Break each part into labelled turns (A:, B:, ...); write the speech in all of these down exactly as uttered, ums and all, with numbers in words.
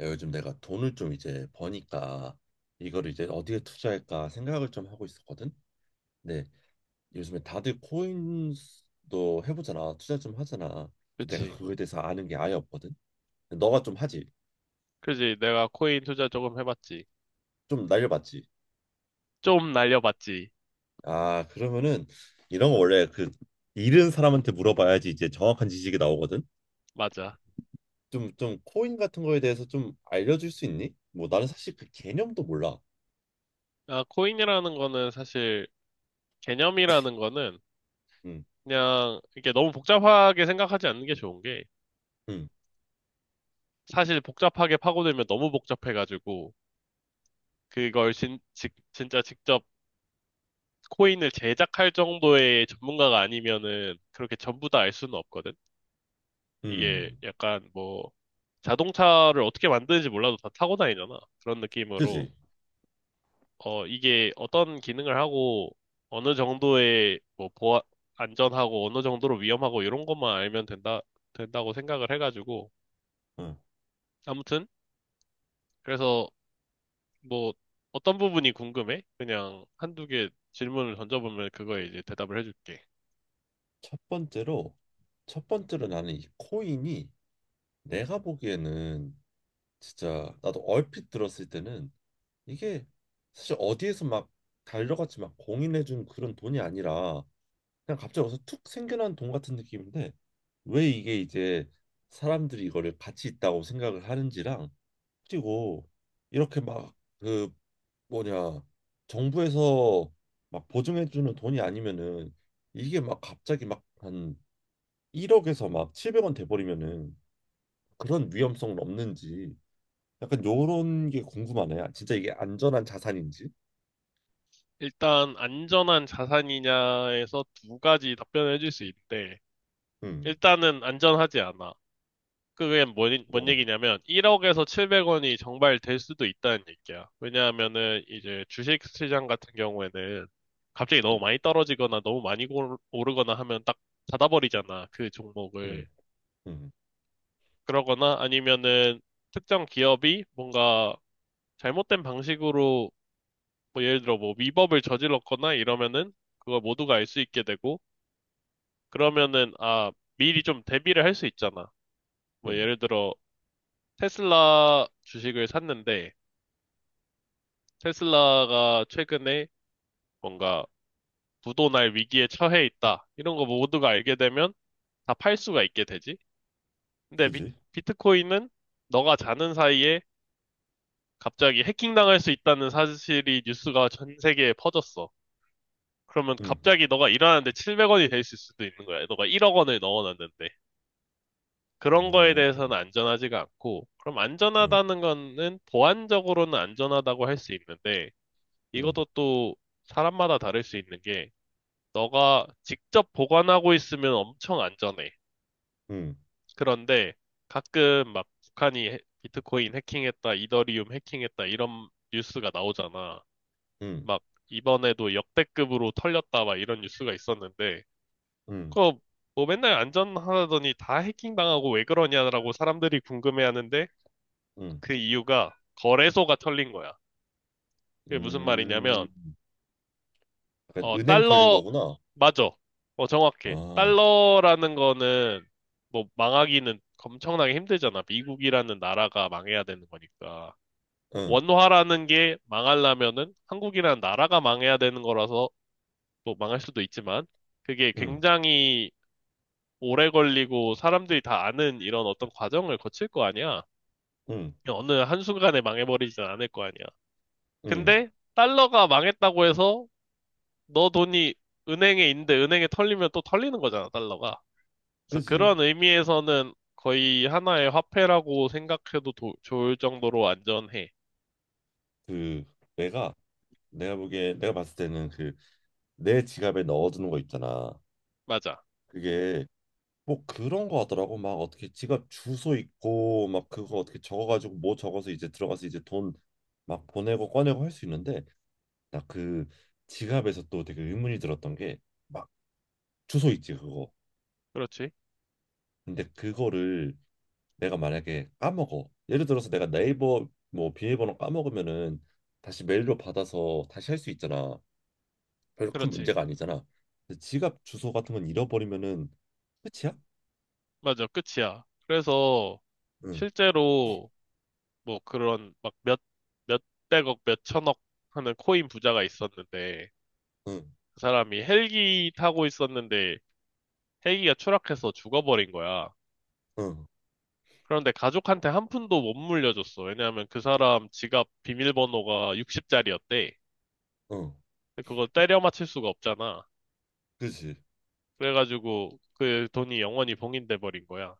A: 야, 요즘 내가 돈을 좀 이제 버니까 이거를 이제 어디에 투자할까 생각을 좀 하고 있었거든. 근데 요즘에 다들 코인도 해보잖아, 투자 좀 하잖아. 근데 내가
B: 그치.
A: 그거에 대해서 아는 게 아예 없거든. 근데 너가 좀 하지,
B: 그지. 내가 코인 투자 조금 해봤지.
A: 좀 날려봤지.
B: 좀 날려봤지.
A: 아 그러면은 이런 거 원래 그 잃은 사람한테 물어봐야지 이제 정확한 지식이 나오거든.
B: 맞아.
A: 좀 좀 코인 같은 거에 대해서 좀 알려줄 수 있니? 뭐 나는 사실 그 개념도 몰라.
B: 아, 코인이라는 거는 사실 개념이라는 거는
A: 응.
B: 그냥 이게 너무 복잡하게 생각하지 않는 게 좋은 게
A: 응.
B: 사실 복잡하게 파고들면 너무 복잡해가지고 그걸 진, 직- 진짜 직접 코인을 제작할 정도의 전문가가 아니면은 그렇게 전부 다 알 수는 없거든. 이게
A: 응.
B: 약간 뭐 자동차를 어떻게 만드는지 몰라도 다 타고 다니잖아. 그런 느낌으로
A: 그지?
B: 어, 이게 어떤 기능을 하고 어느 정도의 뭐 보안, 안전하고 어느 정도로 위험하고 이런 것만 알면 된다, 된다고 생각을 해가지고.
A: 응.
B: 아무튼, 그래서 뭐 어떤 부분이 궁금해? 그냥 한두 개 질문을 던져보면 그거에 이제 대답을 해줄게.
A: 첫 번째로 첫 번째로 나는 이 코인이 내가 보기에는 진짜 나도 얼핏 들었을 때는 이게 사실 어디에서 막 달려갔지 막 공인해준 그런 돈이 아니라 그냥 갑자기 어서툭 생겨난 돈 같은 느낌인데, 왜 이게 이제 사람들이 이거를 가치 있다고 생각을 하는지랑, 그리고 이렇게 막 그 뭐냐 정부에서 막 보증해주는 돈이 아니면은 이게 막 갑자기 막한 일 억에서 막 칠백 원 돼버리면은 그런 위험성은 없는지, 약간 요런 게 궁금하네. 진짜 이게 안전한 자산인지.
B: 일단 안전한 자산이냐에서 두 가지 답변을 해줄 수 있대.
A: 음.
B: 일단은 안전하지 않아. 그게 뭔, 뭔
A: 어.
B: 얘기냐면 일 억에서 칠백 원이 정말 될 수도 있다는 얘기야. 왜냐하면은 이제 주식 시장 같은 경우에는 갑자기 너무
A: 음.
B: 많이 떨어지거나 너무 많이 오르- 오르거나 하면 딱 닫아버리잖아. 그 종목을.
A: 음. 음.
B: 그러거나 아니면은 특정 기업이 뭔가 잘못된 방식으로 뭐 예를 들어 뭐 위법을 저질렀거나 이러면은 그걸 모두가 알 수 있게 되고 그러면은 아 미리 좀 대비를 할 수 있잖아. 뭐
A: 음.
B: 예를 들어 테슬라 주식을 샀는데 테슬라가 최근에 뭔가 부도날 위기에 처해 있다. 이런 거 모두가 알게 되면 다 팔 수가 있게 되지. 근데 비,
A: 그지?
B: 트코인은 너가 자는 사이에 갑자기 해킹당할 수 있다는 사실이 뉴스가 전 세계에 퍼졌어. 그러면
A: 음.
B: 갑자기 너가 일하는데 칠백 원이 될 수도 있는 거야. 너가 일 억 원을 넣어놨는데. 그런 거에
A: 어.
B: 대해서는 안전하지가 않고, 그럼
A: 음.
B: 안전하다는 거는 보안적으로는 안전하다고 할 수 있는데,
A: 음.
B: 이것도 또 사람마다 다를 수 있는 게, 너가 직접 보관하고 있으면 엄청 안전해.
A: 음.
B: 그런데 가끔 막 북한이 해- 비트코인 해킹했다, 이더리움 해킹했다 이런 뉴스가 나오잖아.
A: 음.
B: 막 이번에도 역대급으로 털렸다 막 이런 뉴스가 있었는데
A: 음.
B: 그거 뭐 맨날 안전하다더니 다 해킹당하고 왜 그러냐라고 사람들이 궁금해하는데
A: 음.
B: 그 이유가 거래소가 털린 거야. 그게 무슨
A: 음.
B: 말이냐면
A: 약간
B: 어,
A: 은행 털린
B: 달러,
A: 거구나.
B: 맞아. 어, 정확해.
A: 아.
B: 달러라는 거는, 뭐, 망하기는 엄청나게 힘들잖아. 미국이라는 나라가 망해야 되는 거니까.
A: 응.
B: 원화라는 게 망하려면은 한국이라는 나라가 망해야 되는 거라서, 뭐, 망할 수도 있지만, 그게
A: 응.
B: 굉장히 오래 걸리고 사람들이 다 아는 이런 어떤 과정을 거칠 거 아니야.
A: 응.
B: 어느 한순간에 망해버리진 않을 거 아니야.
A: 응.
B: 근데, 달러가 망했다고 해서 너 돈이 은행에 있는데 은행에 털리면 또 털리는 거잖아, 달러가. 그래서
A: 그지?
B: 그런 의미에서는 거의 하나의 화폐라고 생각해도 도- 좋을 정도로 안전해.
A: 그 내가 내가 보기에 내가 봤을 때는 그 내 지갑에 넣어두는 거 있잖아.
B: 맞아.
A: 그게 뭐 그런 거 하더라고. 막 어떻게 지갑 주소 있고 막 그거 어떻게 적어가지고 뭐 적어서 이제 들어가서 이제 돈 막 보내고 꺼내고 할 수 있는데, 나 그 지갑에서 또 되게 의문이 들었던 게, 막 주소 있지 그거.
B: 그렇지.
A: 근데 그거를 내가 만약에 까먹어. 예를 들어서 내가 네이버 뭐 비밀번호 까먹으면은 다시 메일로 받아서 다시 할 수 있잖아. 별로 큰
B: 그렇지.
A: 문제가 아니잖아. 근데 지갑 주소 같은 건 잃어버리면은 끝이야?
B: 맞아. 끝이야. 그래서
A: 응.
B: 실제로 뭐 그런 막 몇, 몇백억, 몇천억 하는 코인 부자가 있었는데
A: 응.
B: 그 사람이 헬기 타고 있었는데 헬기가 추락해서 죽어버린 거야.
A: 응.
B: 그런데 가족한테 한 푼도 못 물려줬어. 왜냐하면 그 사람 지갑 비밀번호가 육십 자리였대.
A: 응.
B: 그걸 때려 맞힐 수가 없잖아.
A: 그지.
B: 그래가지고 그 돈이 영원히 봉인돼 버린 거야.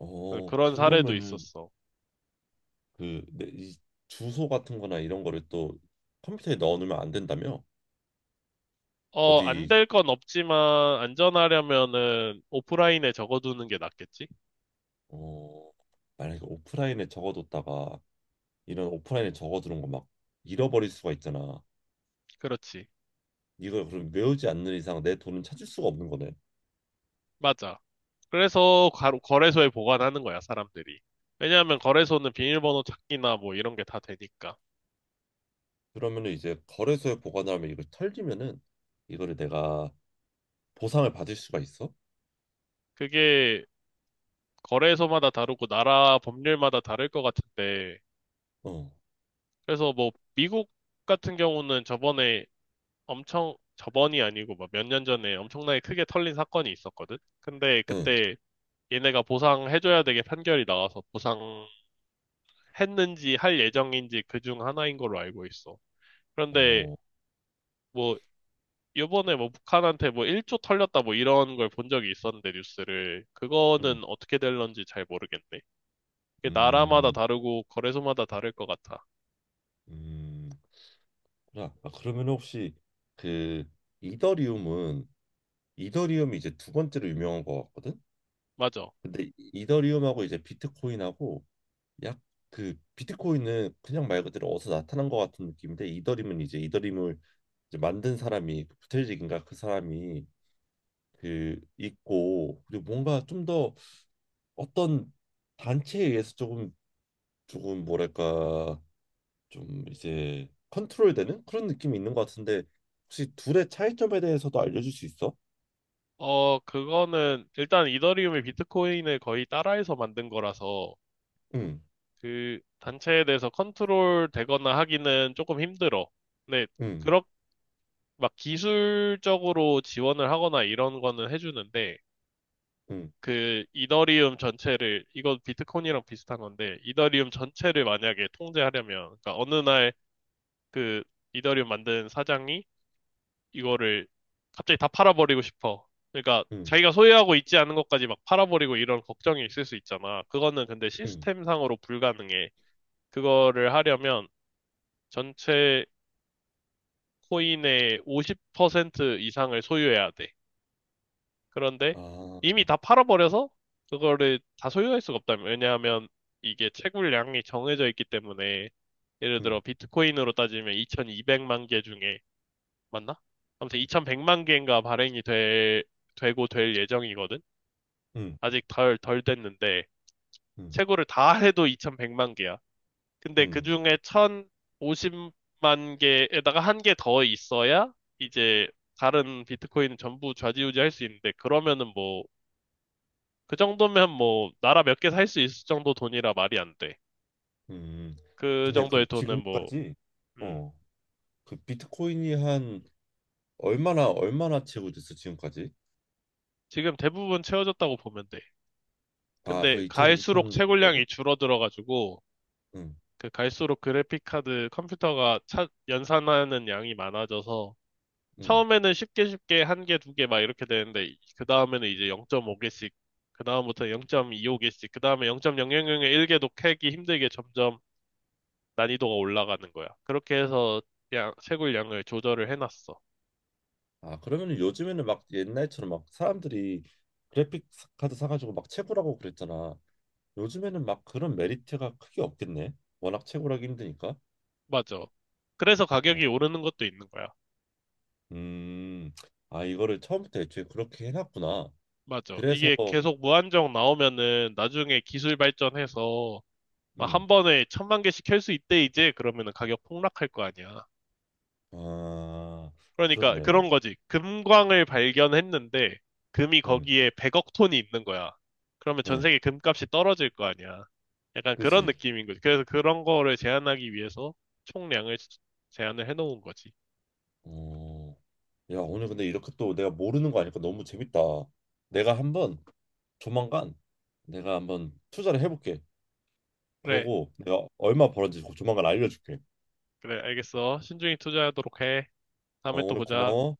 A: 어,
B: 그런 사례도
A: 그러면은
B: 있었어.
A: 그 내, 이 주소 같은 거나 이런 거를 또 컴퓨터에 넣어 놓으면 안 된다며?
B: 어, 안
A: 어디,
B: 될 건 없지만 안전하려면은 오프라인에 적어두는 게 낫겠지?
A: 어, 만약에 오프라인에 적어뒀다가, 이런 오프라인에 적어두는 거 막 잃어버릴 수가 있잖아.
B: 그렇지.
A: 이걸 그럼 외우지 않는 이상 내 돈은 찾을 수가 없는 거네.
B: 맞아. 그래서 가- 거래소에 보관하는 거야, 사람들이. 왜냐하면 거래소는 비밀번호 찾기나 뭐 이런 게 다 되니까.
A: 그러면은 이제 거래소에 보관하면 이걸 털리면은 이거를 내가 보상을 받을 수가 있어?
B: 그게 거래소마다 다르고 나라 법률마다 다를 것 같은데,
A: 어.
B: 그래서 뭐 미국 같은 경우는 저번에 엄청, 저번이 아니고 막 몇 년 전에 엄청나게 크게 털린 사건이 있었거든? 근데
A: 응.
B: 그때 얘네가 보상해줘야 되게 판결이 나와서 보상했는지 할 예정인지 그 중 하나인 걸로 알고 있어. 그런데
A: 어.
B: 뭐 요번에 뭐 북한한테 뭐 일 조 털렸다 뭐 이런 걸 본 적이 있었는데 뉴스를
A: 응.
B: 그거는 어떻게 될런지 잘 모르겠네. 그게 나라마다
A: 음.
B: 다르고 거래소마다 다를 것 같아.
A: 음. 아, 아, 그러면 혹시 그 이더리움은, 이더리움이 이제 두 번째로 유명한 것 같거든?
B: 맞아.
A: 근데 이- 이더리움하고 이제 비트코인하고, 약 그 비트코인은 그냥 말 그대로 어디서 나타난 것 같은 느낌인데, 이더리움은 이제 이더리움을 이제 만든 사람이 그 부텔직인가 그 사람이 그 있고, 그리고 뭔가 좀 더 어떤 단체에 의해서 조금 조금 뭐랄까 좀 이제 컨트롤되는 그런 느낌이 있는 것 같은데, 혹시 둘의 차이점에 대해서도 알려줄 수 있어?
B: 어, 그거는 일단 이더리움이 비트코인을 거의 따라해서 만든 거라서
A: 응.
B: 그 단체에 대해서 컨트롤 되거나 하기는 조금 힘들어. 근데
A: 응.
B: 그렇 막 기술적으로 지원을 하거나 이런 거는 해주는데
A: 응.
B: 그 이더리움 전체를 이건 비트코인이랑 비슷한 건데 이더리움 전체를 만약에 통제하려면 그러니까 어느 날 그 이더리움 만든 사장이 이거를 갑자기 다 팔아버리고 싶어. 그러니까
A: 응.
B: 자기가 소유하고 있지 않은 것까지 막 팔아버리고 이런 걱정이 있을 수 있잖아. 그거는 근데
A: 응.
B: 시스템상으로 불가능해. 그거를 하려면 전체 코인의 오십 퍼센트 이상을 소유해야 돼. 그런데
A: 아.
B: 이미 다 팔아버려서 그거를 다 소유할 수가 없다면. 왜냐하면 이게 채굴량이 정해져 있기 때문에 예를
A: 응.
B: 들어 비트코인으로 따지면 이천이백만 개 중에 맞나? 아무튼 이천백만 개인가 발행이 될, 되고 될 예정이거든?
A: 응.
B: 아직 덜, 덜 됐는데,
A: 응.
B: 최고를 다 해도 이천백만 개야. 근데 그
A: 응.
B: 중에 천오십만 개에다가 한 개 더 있어야 이제 다른 비트코인 전부 좌지우지 할 수 있는데, 그러면은 뭐, 그 정도면 뭐, 나라 몇 개 살 수 있을 정도 돈이라 말이 안 돼.
A: 응.
B: 그
A: 근데
B: 정도의
A: 그럼
B: 돈은 뭐,
A: 지금까지,
B: 음,
A: 어, 그 비트코인이 한 얼마나 얼마나 채굴 됐어 지금까지?
B: 지금 대부분 채워졌다고 보면 돼.
A: 아,
B: 근데
A: 거의 이천,
B: 갈수록
A: 이천 정도?
B: 채굴량이 줄어들어가지고,
A: 응.
B: 그 갈수록 그래픽 카드 컴퓨터가 차- 연산하는 양이 많아져서
A: 응.
B: 처음에는 쉽게 쉽게 한 개, 두 개 막 이렇게 되는데 그 다음에는 이제 영 점 오 개씩 그 다음부터 영 점 이오 개씩 그 다음에 공 공 공 공 한 개도 캐기 힘들게 점점 난이도가 올라가는 거야. 그렇게 해서 양, 채굴 양을 조절을 해놨어.
A: 아, 그러면 요즘에는 막 옛날처럼 막 사람들이 그래픽 카드 사가지고 막 채굴하고 그랬잖아. 요즘에는 막 그런 메리트가 크게 없겠네. 워낙 채굴하기 힘드니까.
B: 맞아. 그래서
A: 어.
B: 가격이 오르는 것도 있는 거야.
A: 음. 아, 이거를 처음부터 애초에 그렇게 해놨구나.
B: 맞아.
A: 그래서,
B: 이게 계속 무한정 나오면은 나중에 기술 발전해서
A: 음,
B: 막한 번에 천만 개씩 캘 수 있대, 이제. 그러면은 가격 폭락할 거 아니야.
A: 아,
B: 그러니까
A: 그렇네.
B: 그런 거지. 금광을 발견했는데, 금이
A: 음.
B: 거기에 백억 톤이 있는 거야. 그러면 전
A: 음.
B: 세계 금값이 떨어질 거 아니야. 약간 그런
A: 그지.
B: 느낌인 거지. 그래서 그런 거를 제한하기 위해서 총량을 제한을 해놓은 거지.
A: 어, 야, 오늘 근데 이렇게 또 내가 모르는 거 아니까 너무 재밌다. 내가 한번 조만간, 내가 한번 투자를 해볼게.
B: 그래,
A: 그러고 내가 얼마 벌었는지 그 조만간 알려줄게.
B: 그래, 알겠어. 신중히 투자하도록 해.
A: 어,
B: 다음에 또
A: 오늘
B: 보자.
A: 고마워.